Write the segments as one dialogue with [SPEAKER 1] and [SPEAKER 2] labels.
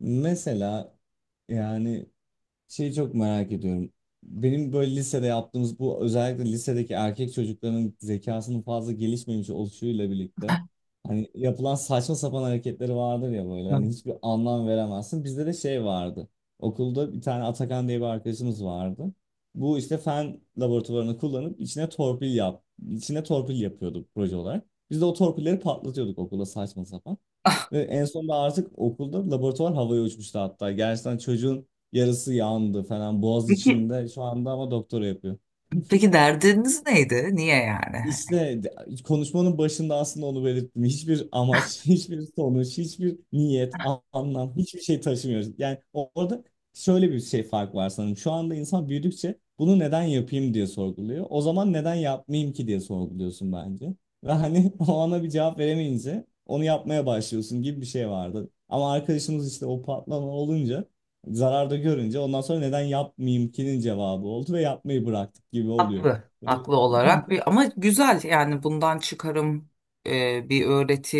[SPEAKER 1] Mesela yani şeyi çok merak ediyorum. Benim böyle lisede yaptığımız bu özellikle lisedeki erkek çocukların zekasının fazla gelişmemiş oluşuyla birlikte hani yapılan saçma sapan hareketleri vardır ya böyle hani hiçbir anlam veremezsin. Bizde de şey vardı. Okulda bir tane Atakan diye bir arkadaşımız vardı. Bu işte fen laboratuvarını kullanıp içine torpil yap, içine torpil yapıyordu proje olarak. Biz de o torpilleri patlatıyorduk okulda saçma sapan. Ve en sonunda artık okulda laboratuvar havaya uçmuştu hatta. Gerçekten çocuğun yarısı yandı falan boğaz içinde. Şu anda ama doktora yapıyor.
[SPEAKER 2] Peki derdiniz neydi? Niye yani?
[SPEAKER 1] İşte konuşmanın başında aslında onu belirttim. Hiçbir amaç, hiçbir sonuç, hiçbir niyet, anlam, hiçbir şey taşımıyor. Yani orada şöyle bir şey fark var sanırım. Şu anda insan büyüdükçe bunu neden yapayım diye sorguluyor. O zaman neden yapmayayım ki diye sorguluyorsun bence. Ve hani o ana bir cevap veremeyince onu yapmaya başlıyorsun gibi bir şey vardı. Ama arkadaşımız işte o patlama olunca, zararda görünce ondan sonra neden yapmayayım ki'nin cevabı oldu ve yapmayı bıraktık gibi oluyor.
[SPEAKER 2] Haklı,
[SPEAKER 1] Böyle.
[SPEAKER 2] haklı olarak bir ama güzel yani bundan çıkarım bir öğreti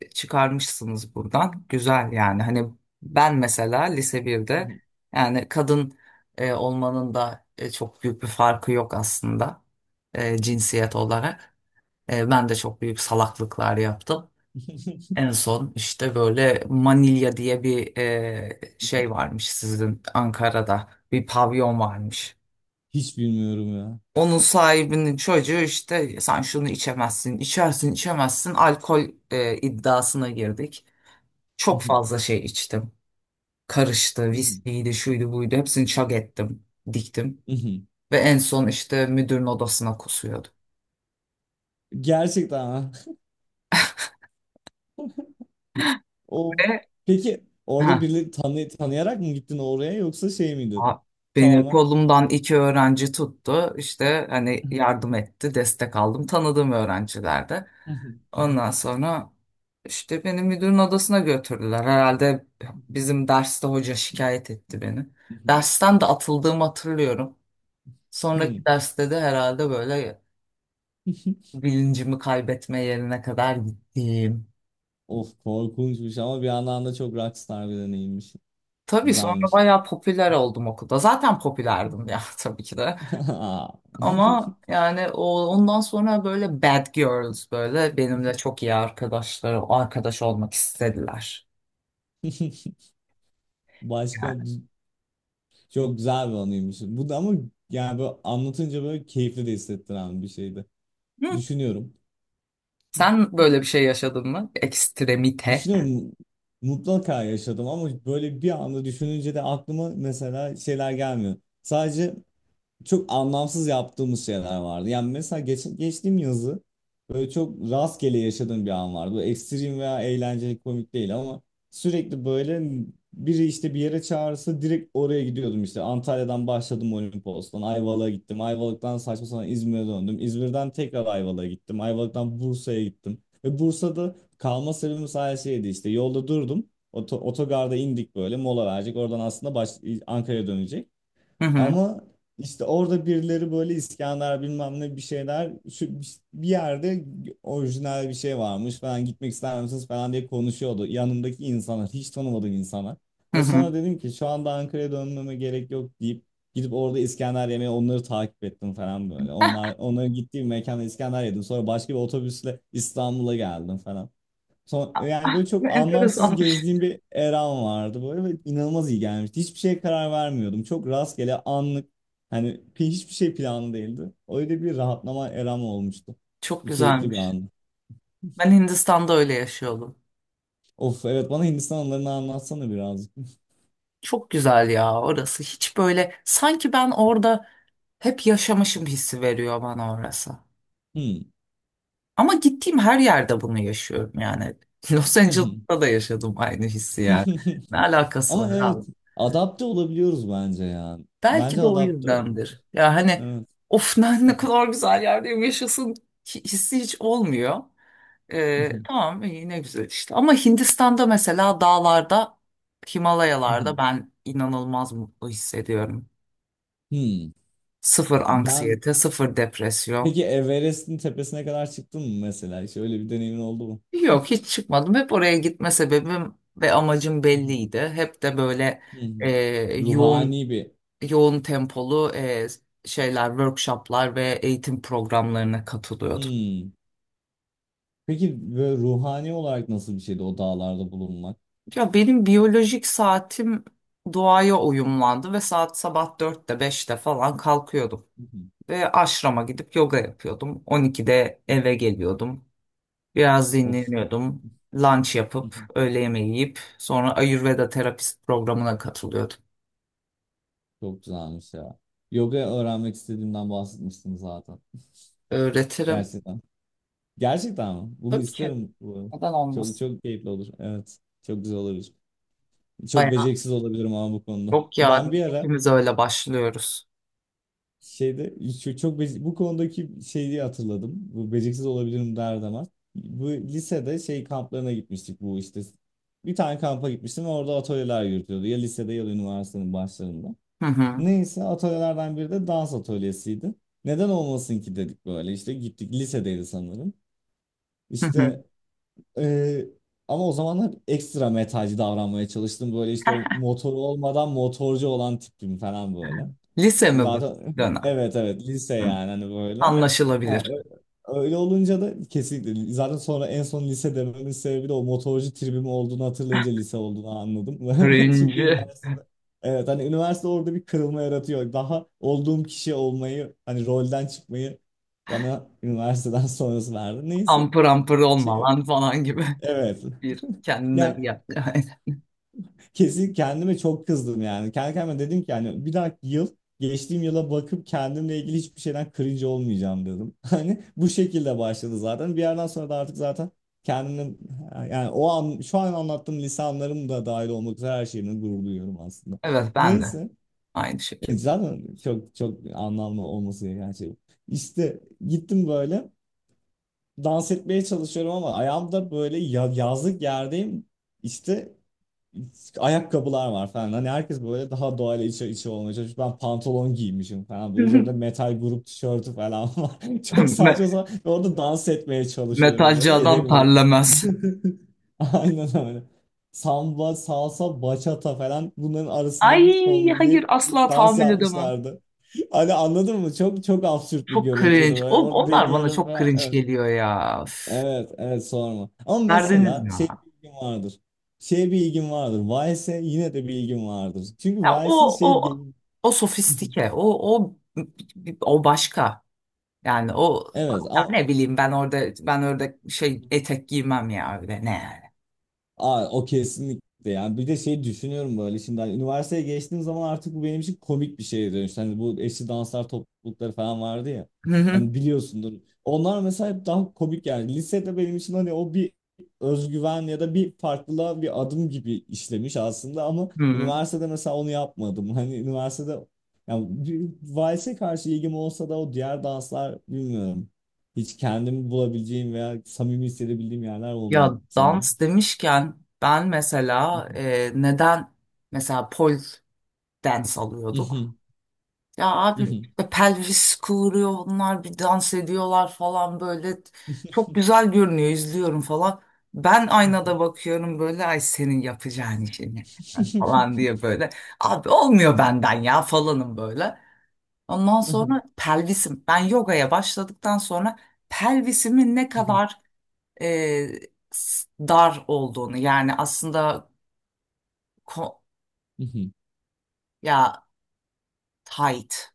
[SPEAKER 2] çıkarmışsınız buradan. Güzel yani hani ben mesela lise birde yani kadın olmanın da çok büyük bir farkı yok aslında cinsiyet olarak. Ben de çok büyük salaklıklar yaptım. En son işte böyle Manilya diye bir şey varmış sizin Ankara'da bir pavyon varmış.
[SPEAKER 1] Hiç bilmiyorum ya.
[SPEAKER 2] Onun sahibinin çocuğu işte sen şunu içemezsin, içersin, içemezsin alkol iddiasına girdik. Çok fazla şey içtim. Karıştı, viskiydi, şuydu buydu hepsini çak ettim, diktim. Ve en son işte müdürün odasına kusuyordu.
[SPEAKER 1] Gerçekten ha. O
[SPEAKER 2] Ve
[SPEAKER 1] peki orada
[SPEAKER 2] heh,
[SPEAKER 1] birini tanıyarak mı gittin oraya yoksa şey miydin?
[SPEAKER 2] aa, beni
[SPEAKER 1] Tamamen.
[SPEAKER 2] kolumdan iki öğrenci tuttu. İşte hani yardım etti, destek aldım. Tanıdığım öğrencilerde. Ondan sonra işte beni müdürün odasına götürdüler. Herhalde bizim derste hoca şikayet etti beni. Dersten de atıldığımı hatırlıyorum. Sonraki derste de herhalde böyle bilincimi kaybetme yerine kadar gittim.
[SPEAKER 1] Of korkunçmuş ama bir yandan da çok rockstar bir deneyimmiş.
[SPEAKER 2] Tabii sonra
[SPEAKER 1] Güzelmiş.
[SPEAKER 2] bayağı popüler oldum okulda. Zaten popülerdim ya tabii ki de.
[SPEAKER 1] Aa.
[SPEAKER 2] Ama yani ondan sonra böyle bad girls böyle benimle çok iyi arkadaşlar, arkadaş olmak istediler.
[SPEAKER 1] Başka
[SPEAKER 2] Yani.
[SPEAKER 1] çok güzel bir anıymış. Bu da ama yani böyle anlatınca böyle keyifli de hissettiren bir şeydi.
[SPEAKER 2] Hı.
[SPEAKER 1] Düşünüyorum.
[SPEAKER 2] Sen böyle bir şey yaşadın mı? Ekstremite.
[SPEAKER 1] Düşünüyorum mutlaka yaşadım ama böyle bir anda düşününce de aklıma mesela şeyler gelmiyor. Sadece çok anlamsız yaptığımız şeyler vardı. Yani mesela geçtiğim yazı böyle çok rastgele yaşadığım bir an vardı. Bu ekstrem veya eğlenceli komik değil ama sürekli böyle biri işte bir yere çağırırsa direkt oraya gidiyordum işte. Antalya'dan başladım Olimpos'tan Ayvalık'a gittim. Ayvalık'tan saçma sapan İzmir'e döndüm. İzmir'den tekrar Ayvalık'a gittim. Ayvalık'tan Bursa'ya gittim. Ve Bursa'da kalma sebebim sadece şeydi işte yolda durdum. Otogarda indik böyle mola verecek. Oradan aslında Ankara'ya dönecek.
[SPEAKER 2] Hı hı.
[SPEAKER 1] Ama işte orada birileri böyle İskender bilmem ne bir şeyler şu bir yerde orijinal bir şey varmış falan gitmek ister misiniz falan diye konuşuyordu. Yanımdaki insanlar hiç tanımadığım insanlar.
[SPEAKER 2] Hı
[SPEAKER 1] Ve sonra
[SPEAKER 2] hı.
[SPEAKER 1] dedim ki şu anda Ankara'ya dönmeme gerek yok deyip gidip orada İskender yemeye onları takip ettim falan böyle. Onlar onların gittiği bir mekanda İskender yedim. Sonra başka bir otobüsle İstanbul'a geldim falan. Yani böyle
[SPEAKER 2] Ne
[SPEAKER 1] çok anlamsız
[SPEAKER 2] enteresanmış.
[SPEAKER 1] gezdiğim bir eram vardı böyle ve inanılmaz iyi gelmişti. Hiçbir şeye karar vermiyordum. Çok rastgele anlık hani hiçbir şey planlı değildi. Öyle bir rahatlama eram olmuştu.
[SPEAKER 2] Çok
[SPEAKER 1] Keyifli bir
[SPEAKER 2] güzelmiş.
[SPEAKER 1] andı.
[SPEAKER 2] Ben Hindistan'da öyle yaşıyordum.
[SPEAKER 1] Of evet bana Hindistan anılarını anlatsana birazcık.
[SPEAKER 2] Çok güzel ya orası. Hiç böyle sanki ben orada hep yaşamışım hissi veriyor bana orası.
[SPEAKER 1] Hmm.
[SPEAKER 2] Ama gittiğim her yerde bunu yaşıyorum yani. Los Angeles'ta da yaşadım aynı hissi yani. Ne alakası
[SPEAKER 1] Ama
[SPEAKER 2] var
[SPEAKER 1] evet
[SPEAKER 2] abi?
[SPEAKER 1] adapte olabiliyoruz bence ya.
[SPEAKER 2] Belki
[SPEAKER 1] Bence
[SPEAKER 2] de o
[SPEAKER 1] adapte ol.
[SPEAKER 2] yüzdendir. Ya hani
[SPEAKER 1] Evet.
[SPEAKER 2] of ne kadar güzel yerdeyim yaşasın hissi hiç olmuyor. Tamam iyi ne güzel işte. Ama Hindistan'da mesela dağlarda, Himalayalarda ben inanılmaz mutlu hissediyorum.
[SPEAKER 1] Hmm.
[SPEAKER 2] Sıfır
[SPEAKER 1] Ben
[SPEAKER 2] anksiyete, sıfır depresyon.
[SPEAKER 1] peki Everest'in tepesine kadar çıktın mı mesela? Hiç öyle bir deneyimin oldu mu?
[SPEAKER 2] Yok hiç çıkmadım. Hep oraya gitme sebebim ve amacım belliydi. Hep de böyle e,
[SPEAKER 1] Hmm.
[SPEAKER 2] yoğun
[SPEAKER 1] Ruhani bir.
[SPEAKER 2] yoğun tempolu şeyler, workshoplar ve eğitim programlarına katılıyordum.
[SPEAKER 1] Hmm. Peki böyle ruhani olarak nasıl bir şeydi o dağlarda bulunmak?
[SPEAKER 2] Ya benim biyolojik saatim doğaya uyumlandı ve saat sabah dörtte beşte falan kalkıyordum.
[SPEAKER 1] Hı hı.
[SPEAKER 2] Ve aşrama gidip yoga yapıyordum. 12'de eve geliyordum. Biraz
[SPEAKER 1] Of.
[SPEAKER 2] dinleniyordum. Lunch
[SPEAKER 1] Hı hı.
[SPEAKER 2] yapıp öğle yemeği yiyip sonra Ayurveda terapist programına katılıyordum.
[SPEAKER 1] Çok güzelmiş ya. Yoga öğrenmek istediğimden bahsetmiştim zaten.
[SPEAKER 2] Öğretirim.
[SPEAKER 1] Gerçekten. Gerçekten mi? Bunu
[SPEAKER 2] Tabii ki.
[SPEAKER 1] isterim bu arada.
[SPEAKER 2] Neden
[SPEAKER 1] Çok
[SPEAKER 2] olmasın?
[SPEAKER 1] çok keyifli olur. Evet. Çok güzel olabilir. Çok
[SPEAKER 2] Bayağı
[SPEAKER 1] beceriksiz olabilirim ama bu konuda.
[SPEAKER 2] yok
[SPEAKER 1] Ben
[SPEAKER 2] yani.
[SPEAKER 1] bir ara
[SPEAKER 2] Hepimiz öyle başlıyoruz.
[SPEAKER 1] şeyde çok bu konudaki şeyi hatırladım. Bu beceriksiz olabilirim derdi ama. Bu lisede şey kamplarına gitmiştik bu işte. Bir tane kampa gitmiştim ve orada atölyeler yürütüyordu. Ya lisede ya da üniversitenin başlarında.
[SPEAKER 2] Hı hı.
[SPEAKER 1] Neyse atölyelerden biri de dans atölyesiydi. Neden olmasın ki dedik böyle işte gittik lisedeydi sanırım.
[SPEAKER 2] Hı hı.
[SPEAKER 1] İşte ee, ama o zamanlar ekstra metalci davranmaya çalıştım. Böyle işte o motoru olmadan motorcu olan tipim falan böyle.
[SPEAKER 2] Lise mi bu
[SPEAKER 1] Zaten
[SPEAKER 2] dönem?
[SPEAKER 1] evet evet lise
[SPEAKER 2] Hı.
[SPEAKER 1] yani hani böyle. Ha,
[SPEAKER 2] Anlaşılabilir.
[SPEAKER 1] öyle olunca da kesinlikle zaten sonra en son lise dememin sebebi de o motorcu tribim olduğunu hatırlayınca lise olduğunu anladım. Çünkü
[SPEAKER 2] Cringe.
[SPEAKER 1] üniversitede evet hani üniversite orada bir kırılma yaratıyor. Daha olduğum kişi olmayı hani rolden çıkmayı bana üniversiteden sonrası verdi. Neyse.
[SPEAKER 2] Ampır ampır olma
[SPEAKER 1] Şey,
[SPEAKER 2] lan falan gibi.
[SPEAKER 1] evet.
[SPEAKER 2] Bir kendine bir
[SPEAKER 1] Ya
[SPEAKER 2] gel.
[SPEAKER 1] kesin kendime çok kızdım yani. Kendi kendime dedim ki yani bir dahaki yıl geçtiğim yıla bakıp kendimle ilgili hiçbir şeyden cringe olmayacağım dedim. Hani bu şekilde başladı zaten. Bir yerden sonra da artık zaten kendimle yani o an şu an anlattığım lisanlarım da dahil olmak üzere her şeyimle gurur duyuyorum aslında.
[SPEAKER 2] Evet ben de
[SPEAKER 1] Neyse
[SPEAKER 2] aynı şekilde.
[SPEAKER 1] zaten çok çok anlamlı olması gereken şey bu. İşte gittim böyle dans etmeye çalışıyorum ama ayağımda böyle yazlık yerdeyim. İşte ayakkabılar var falan. Hani herkes böyle daha doğayla içe içe olmaya çalışmış. Ben pantolon giymişim falan. Böyle üzerimde metal grup tişörtü falan var. Çok
[SPEAKER 2] Me-
[SPEAKER 1] saçma sapan. Ve orada dans etmeye çalışıyorum
[SPEAKER 2] Metalci
[SPEAKER 1] böyle.
[SPEAKER 2] adam
[SPEAKER 1] Edemiyorum.
[SPEAKER 2] terlemez.
[SPEAKER 1] Aynen öyle. Samba, salsa, bachata falan bunların arasında bir
[SPEAKER 2] Ay hayır
[SPEAKER 1] kombine bir
[SPEAKER 2] asla
[SPEAKER 1] dans
[SPEAKER 2] tahammül edemem.
[SPEAKER 1] yapmışlardı. Hani anladın mı? Çok çok absürt bir
[SPEAKER 2] Çok
[SPEAKER 1] görüntüydü
[SPEAKER 2] cringe.
[SPEAKER 1] böyle. Orada
[SPEAKER 2] Onlar bana
[SPEAKER 1] deniyorum
[SPEAKER 2] çok
[SPEAKER 1] falan.
[SPEAKER 2] cringe
[SPEAKER 1] Evet.
[SPEAKER 2] geliyor ya. Üf.
[SPEAKER 1] Evet, evet sorma. Ama
[SPEAKER 2] Verdiniz
[SPEAKER 1] mesela şey
[SPEAKER 2] ya.
[SPEAKER 1] bir ilgim vardır. Şeye bir ilgim vardır. Vice'e yine de bir ilgim vardır. Çünkü
[SPEAKER 2] Ya
[SPEAKER 1] Vice'in şey...
[SPEAKER 2] o sofistike, o o başka. Yani o
[SPEAKER 1] Evet
[SPEAKER 2] ya
[SPEAKER 1] ama.
[SPEAKER 2] ne bileyim ben orada şey etek giymem ya öyle ne yani.
[SPEAKER 1] Aa, o kesinlikle yani bir de şey düşünüyorum böyle şimdi hani üniversiteye geçtiğim zaman artık bu benim için komik bir şeye dönüştü. Hani bu eşli danslar toplulukları falan vardı ya.
[SPEAKER 2] Hı hı.
[SPEAKER 1] Hani biliyorsundur. Onlar mesela hep daha komik yani. Lisede benim için hani o bir özgüven ya da bir farklılığa bir adım gibi işlemiş aslında ama
[SPEAKER 2] Hı.
[SPEAKER 1] üniversitede mesela onu yapmadım. Hani üniversitede yani bir valse karşı ilgim olsa da o diğer danslar bilmiyorum. Hiç kendimi bulabileceğim veya samimi hissedebildiğim yerler olmuyor
[SPEAKER 2] Ya
[SPEAKER 1] sanırım.
[SPEAKER 2] dans demişken ben mesela neden mesela pol dance alıyorduk?
[SPEAKER 1] Mhm,
[SPEAKER 2] Ya abi
[SPEAKER 1] mhm.
[SPEAKER 2] pelvis kıvırıyor onlar bir dans ediyorlar falan böyle çok güzel görünüyor izliyorum falan. Ben
[SPEAKER 1] Mhm.
[SPEAKER 2] aynada bakıyorum böyle ay senin yapacağın işini falan diye böyle. Abi olmuyor benden ya falanım böyle. Ondan
[SPEAKER 1] Aha,
[SPEAKER 2] sonra pelvisim ben yogaya başladıktan sonra pelvisimin ne
[SPEAKER 1] mhm,
[SPEAKER 2] kadar e, dar olduğunu yani aslında ko-
[SPEAKER 1] mhm.
[SPEAKER 2] ya tight.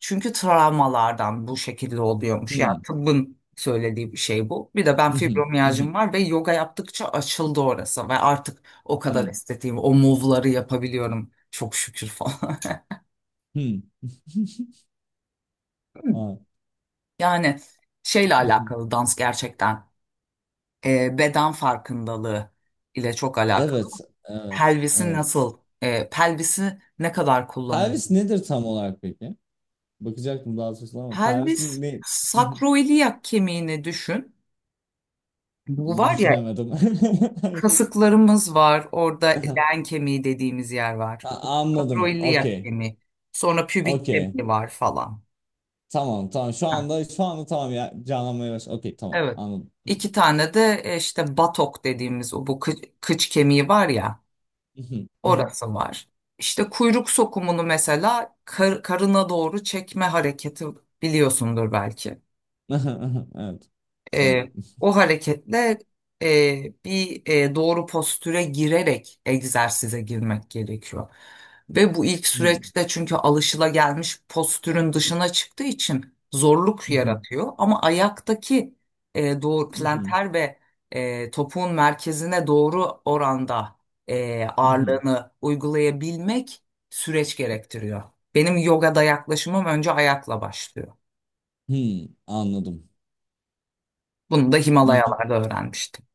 [SPEAKER 2] Çünkü travmalardan bu şekilde oluyormuş. Yani
[SPEAKER 1] Hmm,
[SPEAKER 2] tıbbın söylediği bir şey bu. Bir de ben
[SPEAKER 1] mhm, mhm,
[SPEAKER 2] fibromiyajım var ve yoga yaptıkça açıldı orası ve artık o kadar
[SPEAKER 1] hmm,
[SPEAKER 2] estetiğim, o move'ları yapabiliyorum. Çok şükür falan.
[SPEAKER 1] hmm. Aa,
[SPEAKER 2] Yani şeyle
[SPEAKER 1] mhm.
[SPEAKER 2] alakalı dans gerçekten beden farkındalığı ile çok alakalı.
[SPEAKER 1] Evet, evet,
[SPEAKER 2] Pelvisi
[SPEAKER 1] evet.
[SPEAKER 2] nasıl, pelvisi ne kadar
[SPEAKER 1] Pervis
[SPEAKER 2] kullanılıyor?
[SPEAKER 1] nedir tam olarak peki? Bakacaktım daha sonra ama
[SPEAKER 2] Pelvis
[SPEAKER 1] Pervis'in ne?
[SPEAKER 2] sakroiliyak kemiğini düşün. Bu var ya
[SPEAKER 1] Düşünemedim. Hayır.
[SPEAKER 2] kasıklarımız var. Orada
[SPEAKER 1] Aha.
[SPEAKER 2] leğen kemiği dediğimiz yer var.
[SPEAKER 1] Ha, anladım.
[SPEAKER 2] Kadroiliyak
[SPEAKER 1] Okey.
[SPEAKER 2] kemiği. Sonra pübik
[SPEAKER 1] Okey.
[SPEAKER 2] kemiği var falan.
[SPEAKER 1] Tamam, tamam. Şu
[SPEAKER 2] Ha,
[SPEAKER 1] anda şu anda tamam ya. Canlanmaya baş. Okey, tamam.
[SPEAKER 2] evet.
[SPEAKER 1] Anladım.
[SPEAKER 2] İki tane de işte batok dediğimiz o bu kıç kemiği var ya orası var. İşte kuyruk sokumunu mesela karına doğru çekme hareketi biliyorsundur belki.
[SPEAKER 1] Evet.
[SPEAKER 2] E,
[SPEAKER 1] Sanırım.
[SPEAKER 2] O hareketle bir doğru postüre girerek egzersize girmek gerekiyor. Ve bu ilk süreçte çünkü alışılagelmiş postürün dışına çıktığı için zorluk
[SPEAKER 1] Mhm,
[SPEAKER 2] yaratıyor. Ama ayaktaki doğru
[SPEAKER 1] mhm,
[SPEAKER 2] planter ve topuğun merkezine doğru oranda
[SPEAKER 1] mhm.
[SPEAKER 2] ağırlığını uygulayabilmek süreç gerektiriyor. Benim yogada yaklaşımım önce ayakla başlıyor.
[SPEAKER 1] Hmm, anladım.
[SPEAKER 2] Bunu da
[SPEAKER 1] İlgi,
[SPEAKER 2] Himalayalarda öğrenmiştim.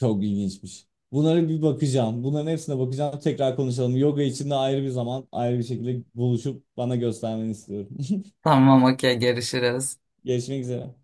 [SPEAKER 1] çok ilginçmiş. Bunlara bir bakacağım. Bunların hepsine bakacağım. Tekrar konuşalım. Yoga için de ayrı bir zaman, ayrı bir şekilde buluşup bana göstermeni istiyorum.
[SPEAKER 2] Tamam okey görüşürüz.
[SPEAKER 1] Görüşmek üzere.